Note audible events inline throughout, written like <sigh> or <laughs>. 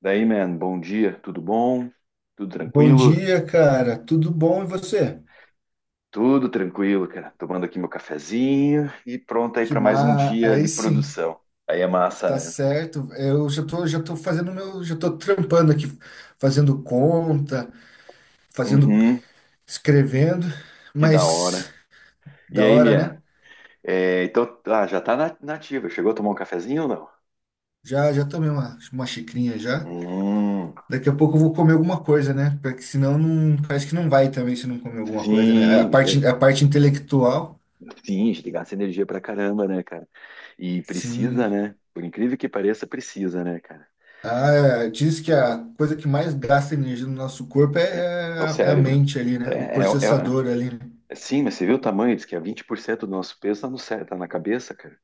Daí, man, bom dia, tudo bom? Tudo Bom tranquilo? dia, cara. Tudo bom e você? Tudo tranquilo, cara. Tomando aqui meu cafezinho e pronto aí para mais um dia Aí de sim, produção. Aí é massa, tá né? certo. Eu já tô fazendo meu, já tô trampando aqui, fazendo conta, fazendo, Uhum, escrevendo, que da hora. mas E da aí, hora, né? Mia? É, então, ah, já tá na ativa. Chegou a tomar um cafezinho ou não? Já tomei uma xicrinha já. Hum, Daqui a pouco eu vou comer alguma coisa, né? Porque senão não, parece que não vai também se não comer alguma coisa, né? A sim, é, parte, a parte intelectual, sim, a gente gasta energia pra caramba, né, cara? E sim, precisa, né? Por incrível que pareça, precisa, né, cara? ah, é, diz que a coisa que mais gasta energia no nosso corpo é, É, é é o a, é a cérebro. mente ali, É, né? O é, processador ali, né? é, sim, mas você viu o tamanho? Diz que é 20% do nosso peso tá, no, tá na cabeça, cara.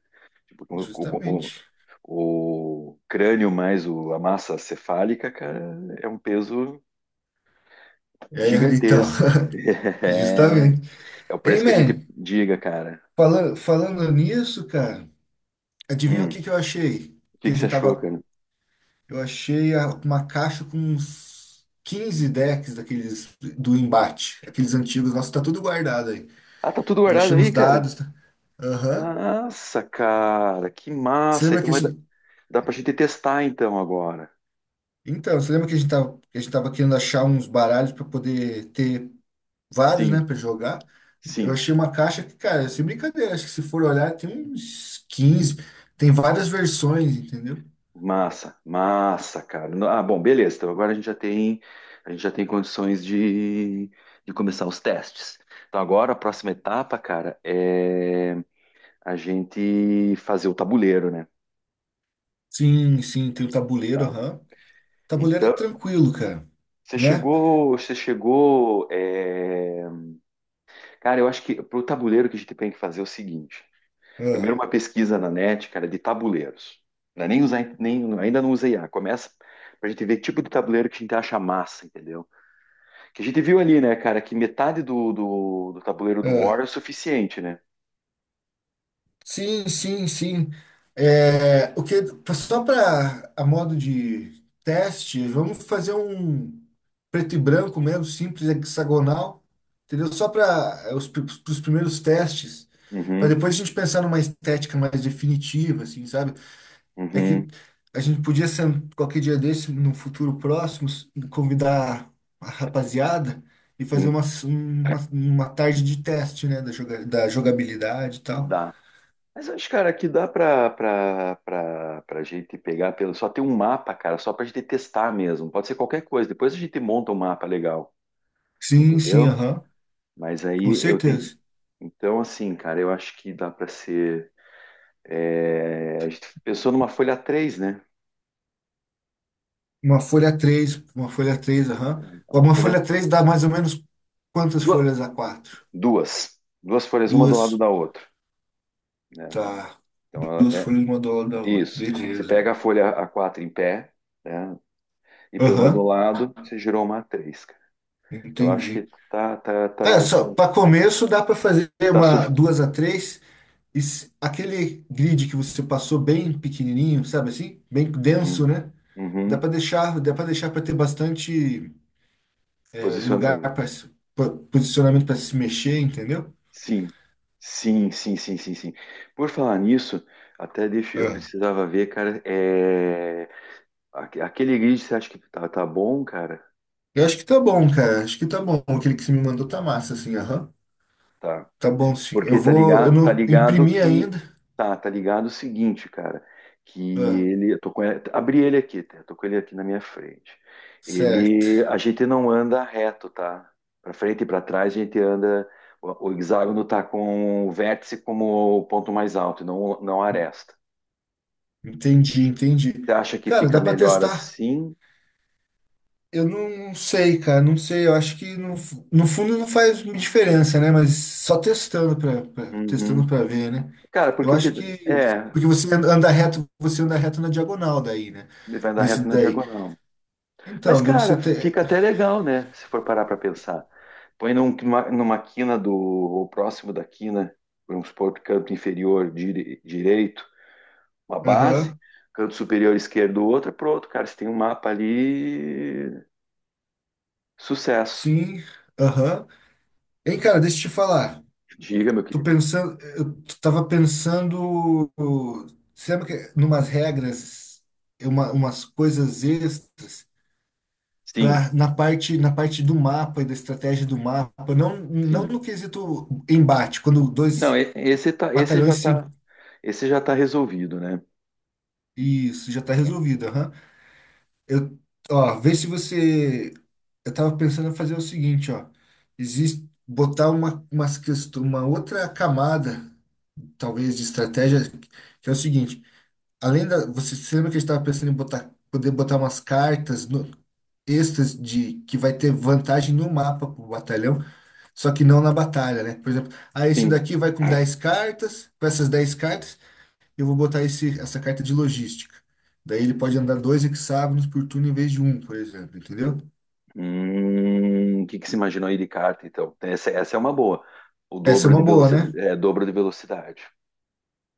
Tipo, Justamente. O crânio mais a massa cefálica, cara, é um peso É, então, gigantesco. <laughs> <laughs> É, justamente. é o Ei, preço que a gente man, diga, cara. Falando nisso, cara, adivinha o Hum, que que eu achei? o que Que a que você gente achou, tava. cara? Eu achei uma caixa com uns 15 decks daqueles do embate, aqueles antigos. Nossa, tá tudo guardado aí. Ah, tá tudo E eu guardado achei uns aí, cara? dados. Tá? Aham. Nossa, cara, que Você massa. lembra Então que a vai dar, gente, dá pra gente testar então agora. então, você lembra que a gente tava, que a gente tava querendo achar uns baralhos para poder ter vários, né, Sim, para jogar? Eu sim. achei uma caixa que, cara, sem brincadeira, acho que se for olhar, tem uns 15, tem várias versões, entendeu? Massa, massa, cara. Ah, bom, beleza. Então agora a gente já tem, a gente já tem condições de começar os testes. Então agora a próxima etapa, cara, é a gente fazer o tabuleiro, né? Sim, sim, tem o tabuleiro, Tá? aham. Tabuleiro é Então, tranquilo, cara, né? Você chegou, é, cara, eu acho que pro tabuleiro que a gente tem que fazer é o seguinte. Primeiro Ah, uma pesquisa na net, cara, de tabuleiros. Não é nem usar, nem, ainda não usei I a. Começa pra gente ver que tipo de tabuleiro que a gente acha massa, entendeu? Que a gente viu ali, né, cara, que metade do tabuleiro do War ah. é o suficiente, né? Sim, sim, sim. É, o que, só para a modo de teste, vamos fazer um preto e branco mesmo, simples, hexagonal, entendeu? Só para os, pros primeiros testes, para Uhum, depois a gente pensar numa estética mais definitiva, assim, sabe? É que uhum, a gente podia ser, qualquer dia desse, no futuro próximo, convidar a rapaziada e fazer sim, uma tarde de teste, né, da, joga, da jogabilidade e tal. dá. Mas eu acho, cara, que dá pra gente pegar pelo. Só ter um mapa, cara, só pra gente testar mesmo. Pode ser qualquer coisa. Depois a gente monta um mapa legal, Sim, sim, entendeu? aham. Mas Com aí eu tenho. certeza. Então, assim, cara, eu acho que dá pra ser. É, a gente pensou numa folha três, né? Uma folha três aham. É uma Uma folha. folha 3 dá mais ou menos quantas Duas. folhas a quatro Duas, duas folhas, uma do lado duas, da outra, né? tá. Então, Duas é, folhas uma do lado da outra. isso. Você Beleza. pega a folha a quatro em pé, né, e põe uma do Aham, lado, você girou uma A3, cara. Eu acho que entendi. tá, tá, Cara, tá, tá, só para começo dá para fazer tá uma sufi- duas a três e aquele grid que você passou bem pequenininho, sabe assim? Bem uhum, denso, né? Uhum. Dá para deixar para ter bastante eh, Posiciona... lugar para posicionamento para se mexer, entendeu? Sim, sim, sim, sim, sim, sim. Por falar nisso, até deixa... Eu precisava ver, cara, é... aquele grid você acha que tá bom, cara? Eu acho que tá bom, cara. Acho que tá bom. Aquele que você me mandou tá massa, assim, aham. Tá. Tá bom, sim. Eu Porque vou. Eu tá não ligado imprimi que. ainda. Tá ligado o seguinte, cara. Que Ah, ele. Eu tô com ele, abri ele aqui, tá? Eu tô com ele aqui na minha frente. certo. Ele. A gente não anda reto, tá? Pra frente e pra trás a gente anda. O hexágono tá com o vértice como o ponto mais alto, e não, não a aresta. Entendi, entendi. Você acha que Cara, fica dá pra melhor testar. assim? Eu não sei, cara. Não sei. Eu acho que no, no fundo não faz diferença, né? Mas só testando pra, testando Uhum. pra ver, né? Cara, Eu porque o que. acho que. É, Porque você anda reto, você anda reto na diagonal daí, né? ele vai andar Nesse reto na daí. diagonal. Mas, Então, devo você cara, ter. fica até legal, né? Se for parar para pensar. Põe numa quina do, ou próximo da quina, vamos supor, canto inferior direito, uma base, Aham. canto superior esquerdo, outra, pronto, cara, você tem um mapa ali, sucesso. Sim. Aham. Hein, cara, deixa eu te falar. Diga, meu Tô querido. pensando, eu tava pensando, sabe que numas regras, é uma, umas coisas extras Sim, para na parte do mapa e da estratégia do mapa, não não sim. no quesito embate, quando dois Não, batalhões se esse já tá resolvido, né? isso já tá resolvido, aham. Eu, ó, vê se você eu tava pensando em fazer o seguinte, ó. Existe botar uma outra camada, talvez de estratégia, que é o seguinte, além da, você se lembra que a gente estava pensando em botar, poder botar umas cartas no, extras de que vai ter vantagem no mapa pro batalhão, só que não na batalha, né? Por exemplo, ah, esse Sim. daqui vai com 10 cartas, com essas 10 cartas, eu vou botar esse, essa carta de logística. Daí ele pode andar dois hexágonos por turno em vez de um, por exemplo, entendeu? O que que se imaginou aí de carta, então? Essa é uma boa. O Essa é dobro de uma boa, velocidade, né? é, dobro de velocidade.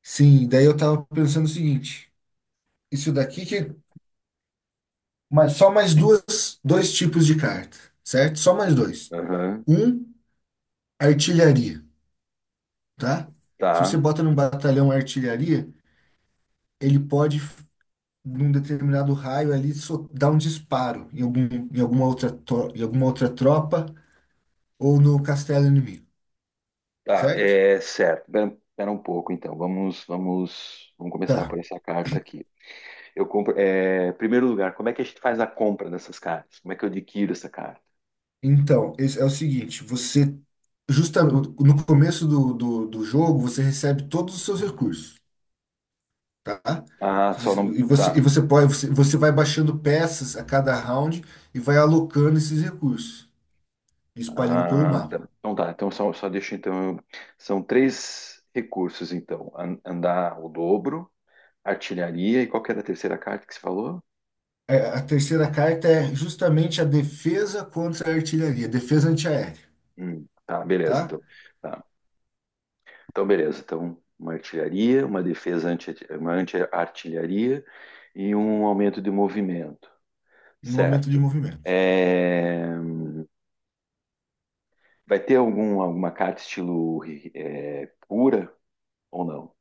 Sim, daí eu tava pensando o seguinte, isso daqui que mas só mais duas, dois tipos de carta, certo? Só mais dois. Aham, Um, artilharia. Tá? Se você tá, bota num batalhão artilharia, ele pode, num determinado raio ali, dar um disparo em algum, em alguma outra, em alguma outra tropa ou no castelo inimigo, tá, certo? é certo. Espera espera um pouco, então. Vamos começar Tá. por essa carta aqui. Eu compro, é, primeiro lugar, como é que a gente faz a compra dessas cartas? Como é que eu adquiro essa carta? Então, esse é o seguinte, você, justamente no começo do jogo, você recebe todos os seus recursos, tá? Ah, só não, E tá. você pode, você, você vai baixando peças a cada round e vai alocando esses recursos, espalhando pelo Ah, mapa. tá. Então tá. Então só, só deixa então. São três recursos então: andar o dobro, artilharia e qual que era a terceira carta que você falou? É, a terceira carta é justamente a defesa contra a artilharia, defesa antiaérea, Tá, beleza. tá? Então, tá. Então, beleza. Então, uma artilharia, uma defesa anti, uma anti-artilharia e um aumento de movimento. Em momento de Certo. movimento. É, vai ter algum, alguma carta estilo é, cura ou não?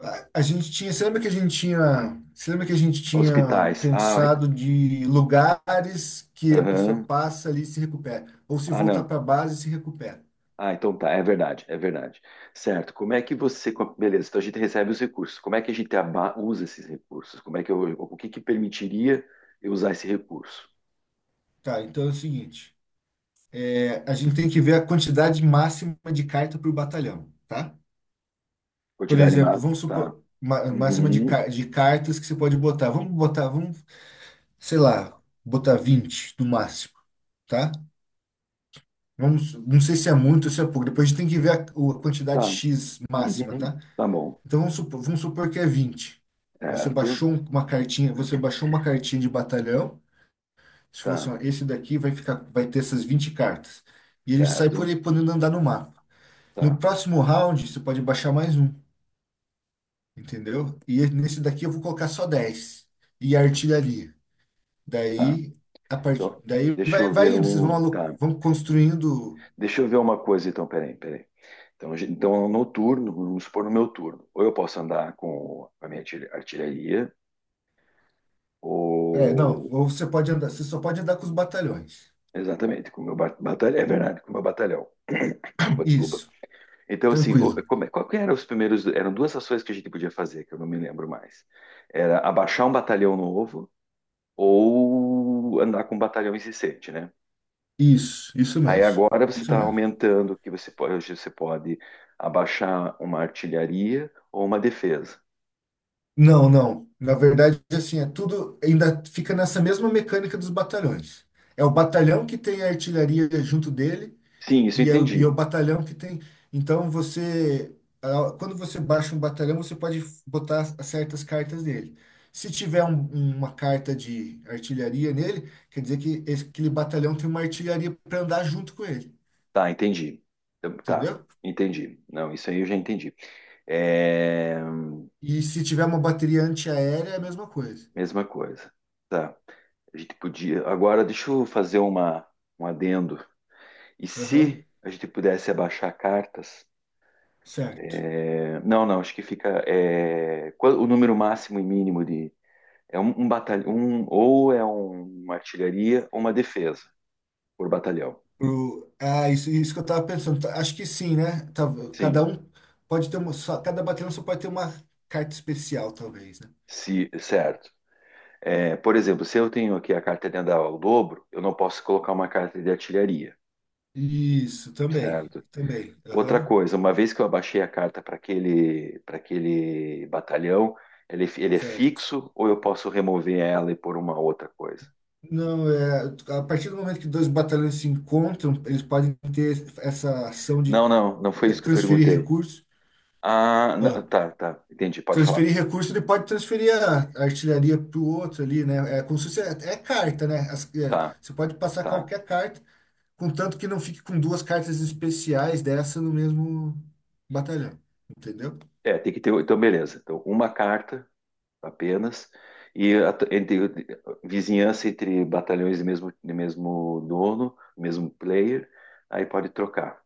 A gente tinha, você lembra que a gente tinha Hospitais. Ah, pensado de lugares que a pessoa aham. passa ali e se recupera, ou se Ah, voltar não. para a base se recupera. Ah, então tá, é verdade, é verdade. Certo, como é que você. Beleza, então a gente recebe os recursos. Como é que a gente usa esses recursos? Como é que eu, o que que permitiria eu usar esse recurso? Tá, então é o seguinte, é, a gente tem que ver a quantidade máxima de carta por batalhão, tá? Por Quantidade exemplo, máxima? vamos Tá. supor, máxima de, Uhum, ca- de cartas que você pode botar. Vamos botar, vamos sei lá, botar 20 no máximo, tá? Vamos, não sei se é muito ou se é pouco. Depois a gente tem que ver a quantidade tá. X máxima, Uhum. tá? Tá bom. Então vamos supor que é 20. Você Certo. baixou uma cartinha, você baixou uma cartinha de batalhão. Se falou assim, Tá, ó, esse daqui vai ficar, vai ter essas 20 cartas. E ele sai por certo. aí podendo andar no mapa. No Tá, próximo round, você pode baixar mais um, entendeu? E nesse daqui eu vou colocar só 10 e a artilharia. tá. Daí, a partir, Então, daí deixa vai, eu vai ver indo, vocês vão, o. Tá. vão construindo. Deixa eu ver uma coisa, então, peraí, peraí. Então, então, no turno, vamos supor no meu turno, ou eu posso andar com a minha artilharia, É, não, ou. ou você pode andar, você só pode andar com os batalhões. Exatamente, com o meu batalhão. É verdade, com o meu batalhão. <coughs> <clears throat> Opa, desculpa. Isso, Então, assim, tranquilo. como, qual que eram os primeiros. Eram duas ações que a gente podia fazer, que eu não me lembro mais. Era abaixar um batalhão novo ou andar com um batalhão incessante, né? Isso Aí mesmo. agora você Isso está mesmo. aumentando que você pode, hoje você pode abaixar uma artilharia ou uma defesa. Não, não. Na verdade, assim, é tudo ainda fica nessa mesma mecânica dos batalhões. É o batalhão que tem a artilharia junto dele. Sim, isso eu E é, é o entendi. batalhão que tem. Então você, quando você baixa um batalhão, você pode botar certas cartas nele. Se tiver uma carta de artilharia nele, quer dizer que aquele batalhão tem uma artilharia para andar junto com ele, Tá, entendi. Então, tá, entendeu? entendi. Não, isso aí eu já entendi. É... E se tiver uma bateria antiaérea, é a mesma coisa. Mesma coisa. Tá. A gente podia. Agora deixa eu fazer uma, um adendo. E Aham, se a gente pudesse abaixar cartas? certo. É, não, não, acho que fica. É, qual- o número máximo e mínimo de, é um, um batalhão, um, ou é uma artilharia ou uma defesa por batalhão. Isso, isso que eu tava pensando. Tá, acho que sim, né? Tá, Sim, cada um pode ter uma, só, cada batalhão só pode ter uma carta especial, talvez, né? se, certo. É, por exemplo, se eu tenho aqui a carta de andar ao dobro, eu não posso colocar uma carta de artilharia, Isso, também, certo? também. Outra Aham, coisa, uma vez que eu abaixei a carta para aquele batalhão, ele é certo. fixo ou eu posso remover ela e pôr uma outra coisa? Não, é, a partir do momento que dois batalhões se encontram, eles podem ter essa ação de Não, não, não foi isso que eu transferir perguntei. recursos. Ah, Ah, tá, tá, entendi, pode falar. transferir recurso, ele pode transferir a artilharia para o outro ali, né? É como se fosse, é, é carta, né? Tá, Você pode passar tá. qualquer carta, contanto que não fique com duas cartas especiais dessa no mesmo batalhão, entendeu? É, tem que ter. Então, beleza. Então, uma carta apenas. Entre, vizinhança entre batalhões do mesmo dono, mesmo player, aí pode trocar.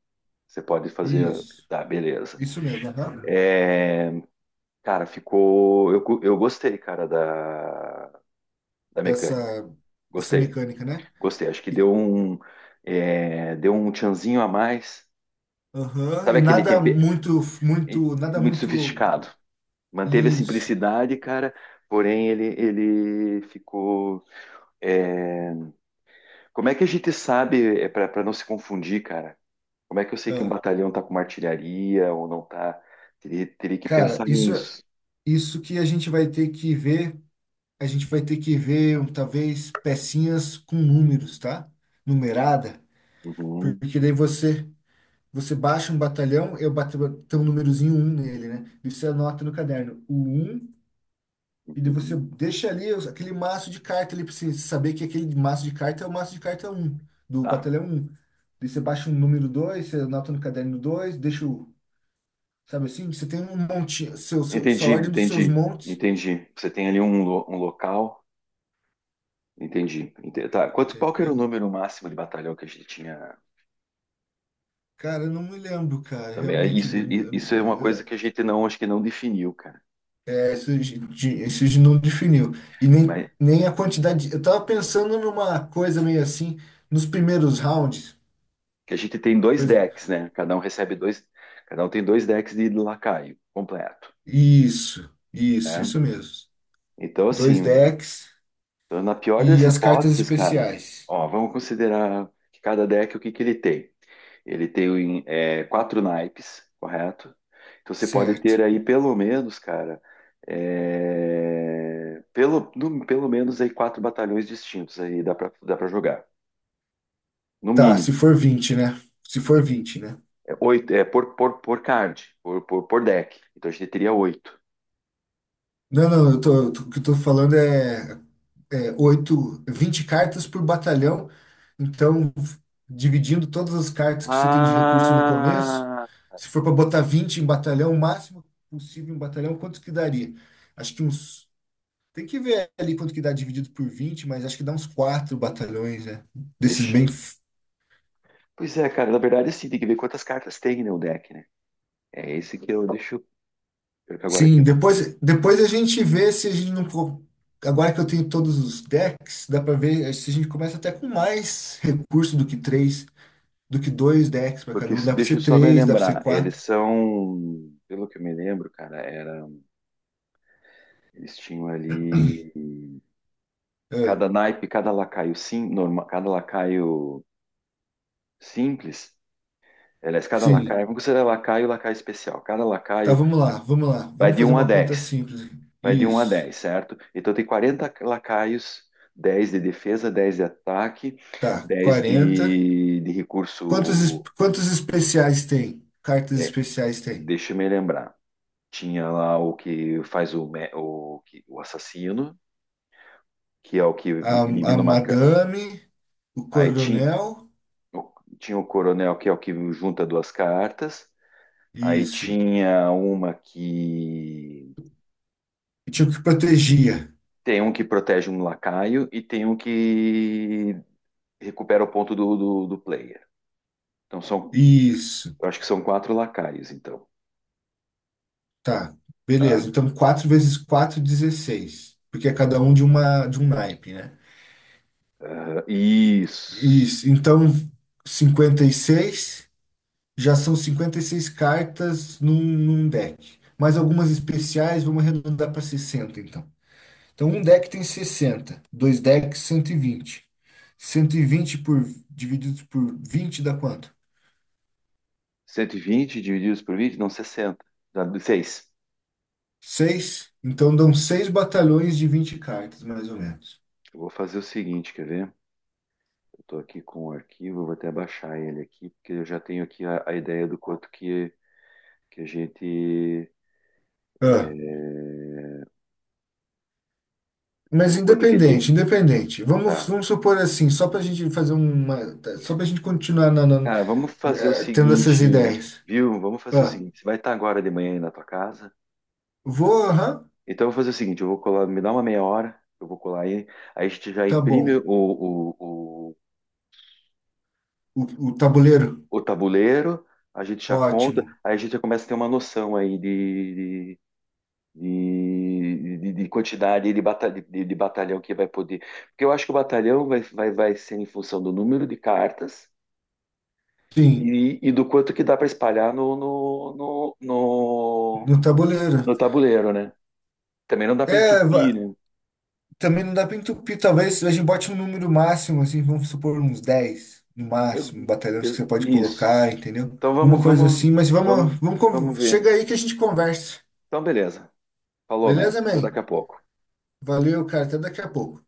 Você pode fazer, Isso, tá, beleza. isso mesmo, aham. É, cara, ficou. Eu, eu gostei, cara, da Dessa, mecânica. dessa Gostei, mecânica, né? gostei. Acho que deu um, é, deu um tchanzinho a mais. Aham, Sabe e aquele nada tempero muito, muito, nada muito muito sofisticado? Manteve a isso. simplicidade, cara, porém ele ficou. É, como é que a gente sabe, é, para não se confundir, cara? Como é que eu sei que um Ah, batalhão tá com uma artilharia ou não tá? Teria que cara, pensar isso, nisso. isso que a gente vai ter que ver, um, talvez pecinhas com números, tá? Numerada, Uhum, porque daí você você baixa um batalhão, eu bato tem um númerozinho um nele, né? E você anota no caderno o 1. E daí você uhum. deixa ali aquele maço de carta ali pra você saber que aquele maço de carta é o maço de carta um do Tá. batalhão 1. Daí você baixa um número 2 você anota no caderno 2 deixa o. Sabe assim? Você tem um monte, seu, seu, sua Entendi, ordem dos seus entendi, montes, entendi. Você tem ali um, um local. Entendi. Tá. Quanto, qual que era o entendeu? número máximo de batalhão que a gente tinha Cara, eu não me lembro, cara. também? É, Realmente, isso, isso é uma eu- coisa eu- que a gente não, acho que não definiu, cara. é, isso, isso de não definiu. E nem, Mas nem a quantidade. Eu tava pensando numa coisa meio assim, nos primeiros rounds. que a gente tem dois coisa- decks, né? Cada um recebe dois, cada um tem dois decks de lacaio completo, Isso, isso, né? isso mesmo. Então, Dois assim, decks. então, na pior das E as cartas hipóteses, cara, especiais. ó, vamos considerar que cada deck o que que ele tem. Ele tem o é, quatro naipes, correto? Então você pode Certo. ter aí pelo menos, cara, é, pelo, pelo menos aí quatro batalhões distintos aí dá pra jogar. No Tá, mínimo, se for 20, né? Se for vinte, né? é oito, é por card, por deck. Então a gente teria oito. Não, não, o que eu tô falando é 8, 20 cartas por batalhão. Então, dividindo todas as cartas que você tem de recurso no começo, Ah, se for para botar 20 em batalhão, o máximo possível em batalhão, quanto que daria? Acho que uns. Tem que ver ali quanto que dá dividido por 20, mas acho que dá uns 4 batalhões, né? Desses deixa. bem. Pois é, cara, na verdade assim, tem que ver quantas cartas tem, né, o deck, né? É esse que eu deixo. Pior que agora aqui, Sim, depois, depois a gente vê se a gente não. Agora que eu tenho todos os decks, dá pra ver eh, se a gente começa até com mais recurso do que três, do que dois decks pra porque cada um. Dá pra deixa ser eu só me três, dá pra ser lembrar, eles quatro. são, pelo que eu me lembro, cara, era, eles tinham ali cada É, naipe, cada lacaio sim, normal, cada lacaio simples, aliás, cada sim. lacaio, vamos considerar lacaio, lacaio especial. Cada Tá, lacaio vamos lá, vamos lá. vai Vamos de fazer um a uma conta dez, simples. Aqui. vai de um a Isso. 10, certo? Então tem 40 lacaios, 10 de defesa, 10 de ataque, Tá, 10 40 de quantos, recurso, quantos especiais tem? Cartas é, especiais tem? deixa eu me lembrar. Tinha lá o que faz o, o, o assassino, que é o que A, a elimina uma. Madame, o Aí tinha, Coronel. o- tinha o coronel, que é o que junta duas cartas. Aí Isso. tinha uma que. E tinha o que protegia. Tem um que protege um lacaio e tem um que recupera o ponto do player. Então são. Isso. Eu acho que são quatro lacaios, então. Tá, beleza. Tá? Então, 4 vezes 4 16, porque é cada um de uma de um naipe, né? Aham, Isso. isso. Então, 56. Já são 56 cartas num, num deck. Mais algumas especiais, vamos arredondar para 60 então. Então, um deck tem 60. Dois decks, cento 120, 120 por, divididos por 20 dá quanto? 120 divididos por 20 não 60. Dá seis. Seis. Então, dão 6 batalhões de 20 cartas, mais ou menos. Eu vou fazer o seguinte, quer ver? Eu estou aqui com o arquivo, eu vou até baixar ele aqui, porque eu já tenho aqui a ideia do quanto que a gente. Ah, É, mas o quanto que tem. independente, independente. Vamos, Tá. vamos supor assim, só para a gente fazer uma, tá, só para a gente continuar Cara, vamos fazer o eh, tendo essas seguinte, ideias. viu? Vamos fazer o Ah, seguinte. Você vai estar agora de manhã aí na tua casa. vou, aham, Então eu vou fazer o seguinte, eu vou colar, me dá uma meia hora, eu vou colar aí, aí a gente já tá imprime bom. O, o tabuleiro, o tabuleiro, a gente já conta, ótimo. aí a gente já começa a ter uma noção aí de, de quantidade de, de batalhão que vai poder. Porque eu acho que o batalhão vai ser em função do número de cartas Sim, e do quanto que dá para espalhar no tabuleiro. no tabuleiro, né? Também não dá para É, entupir, né? também não dá para entupir, talvez a gente bote um número máximo, assim, vamos supor uns 10 no máximo, Eu- batalhões que você pode Isso. colocar, entendeu? Então Uma coisa assim, mas vamos, vamos, vamos, vamos ver. chega aí que a gente conversa. Então, beleza. Falou, man. Beleza, Até daqui man? a pouco. Valeu, cara, até daqui a pouco.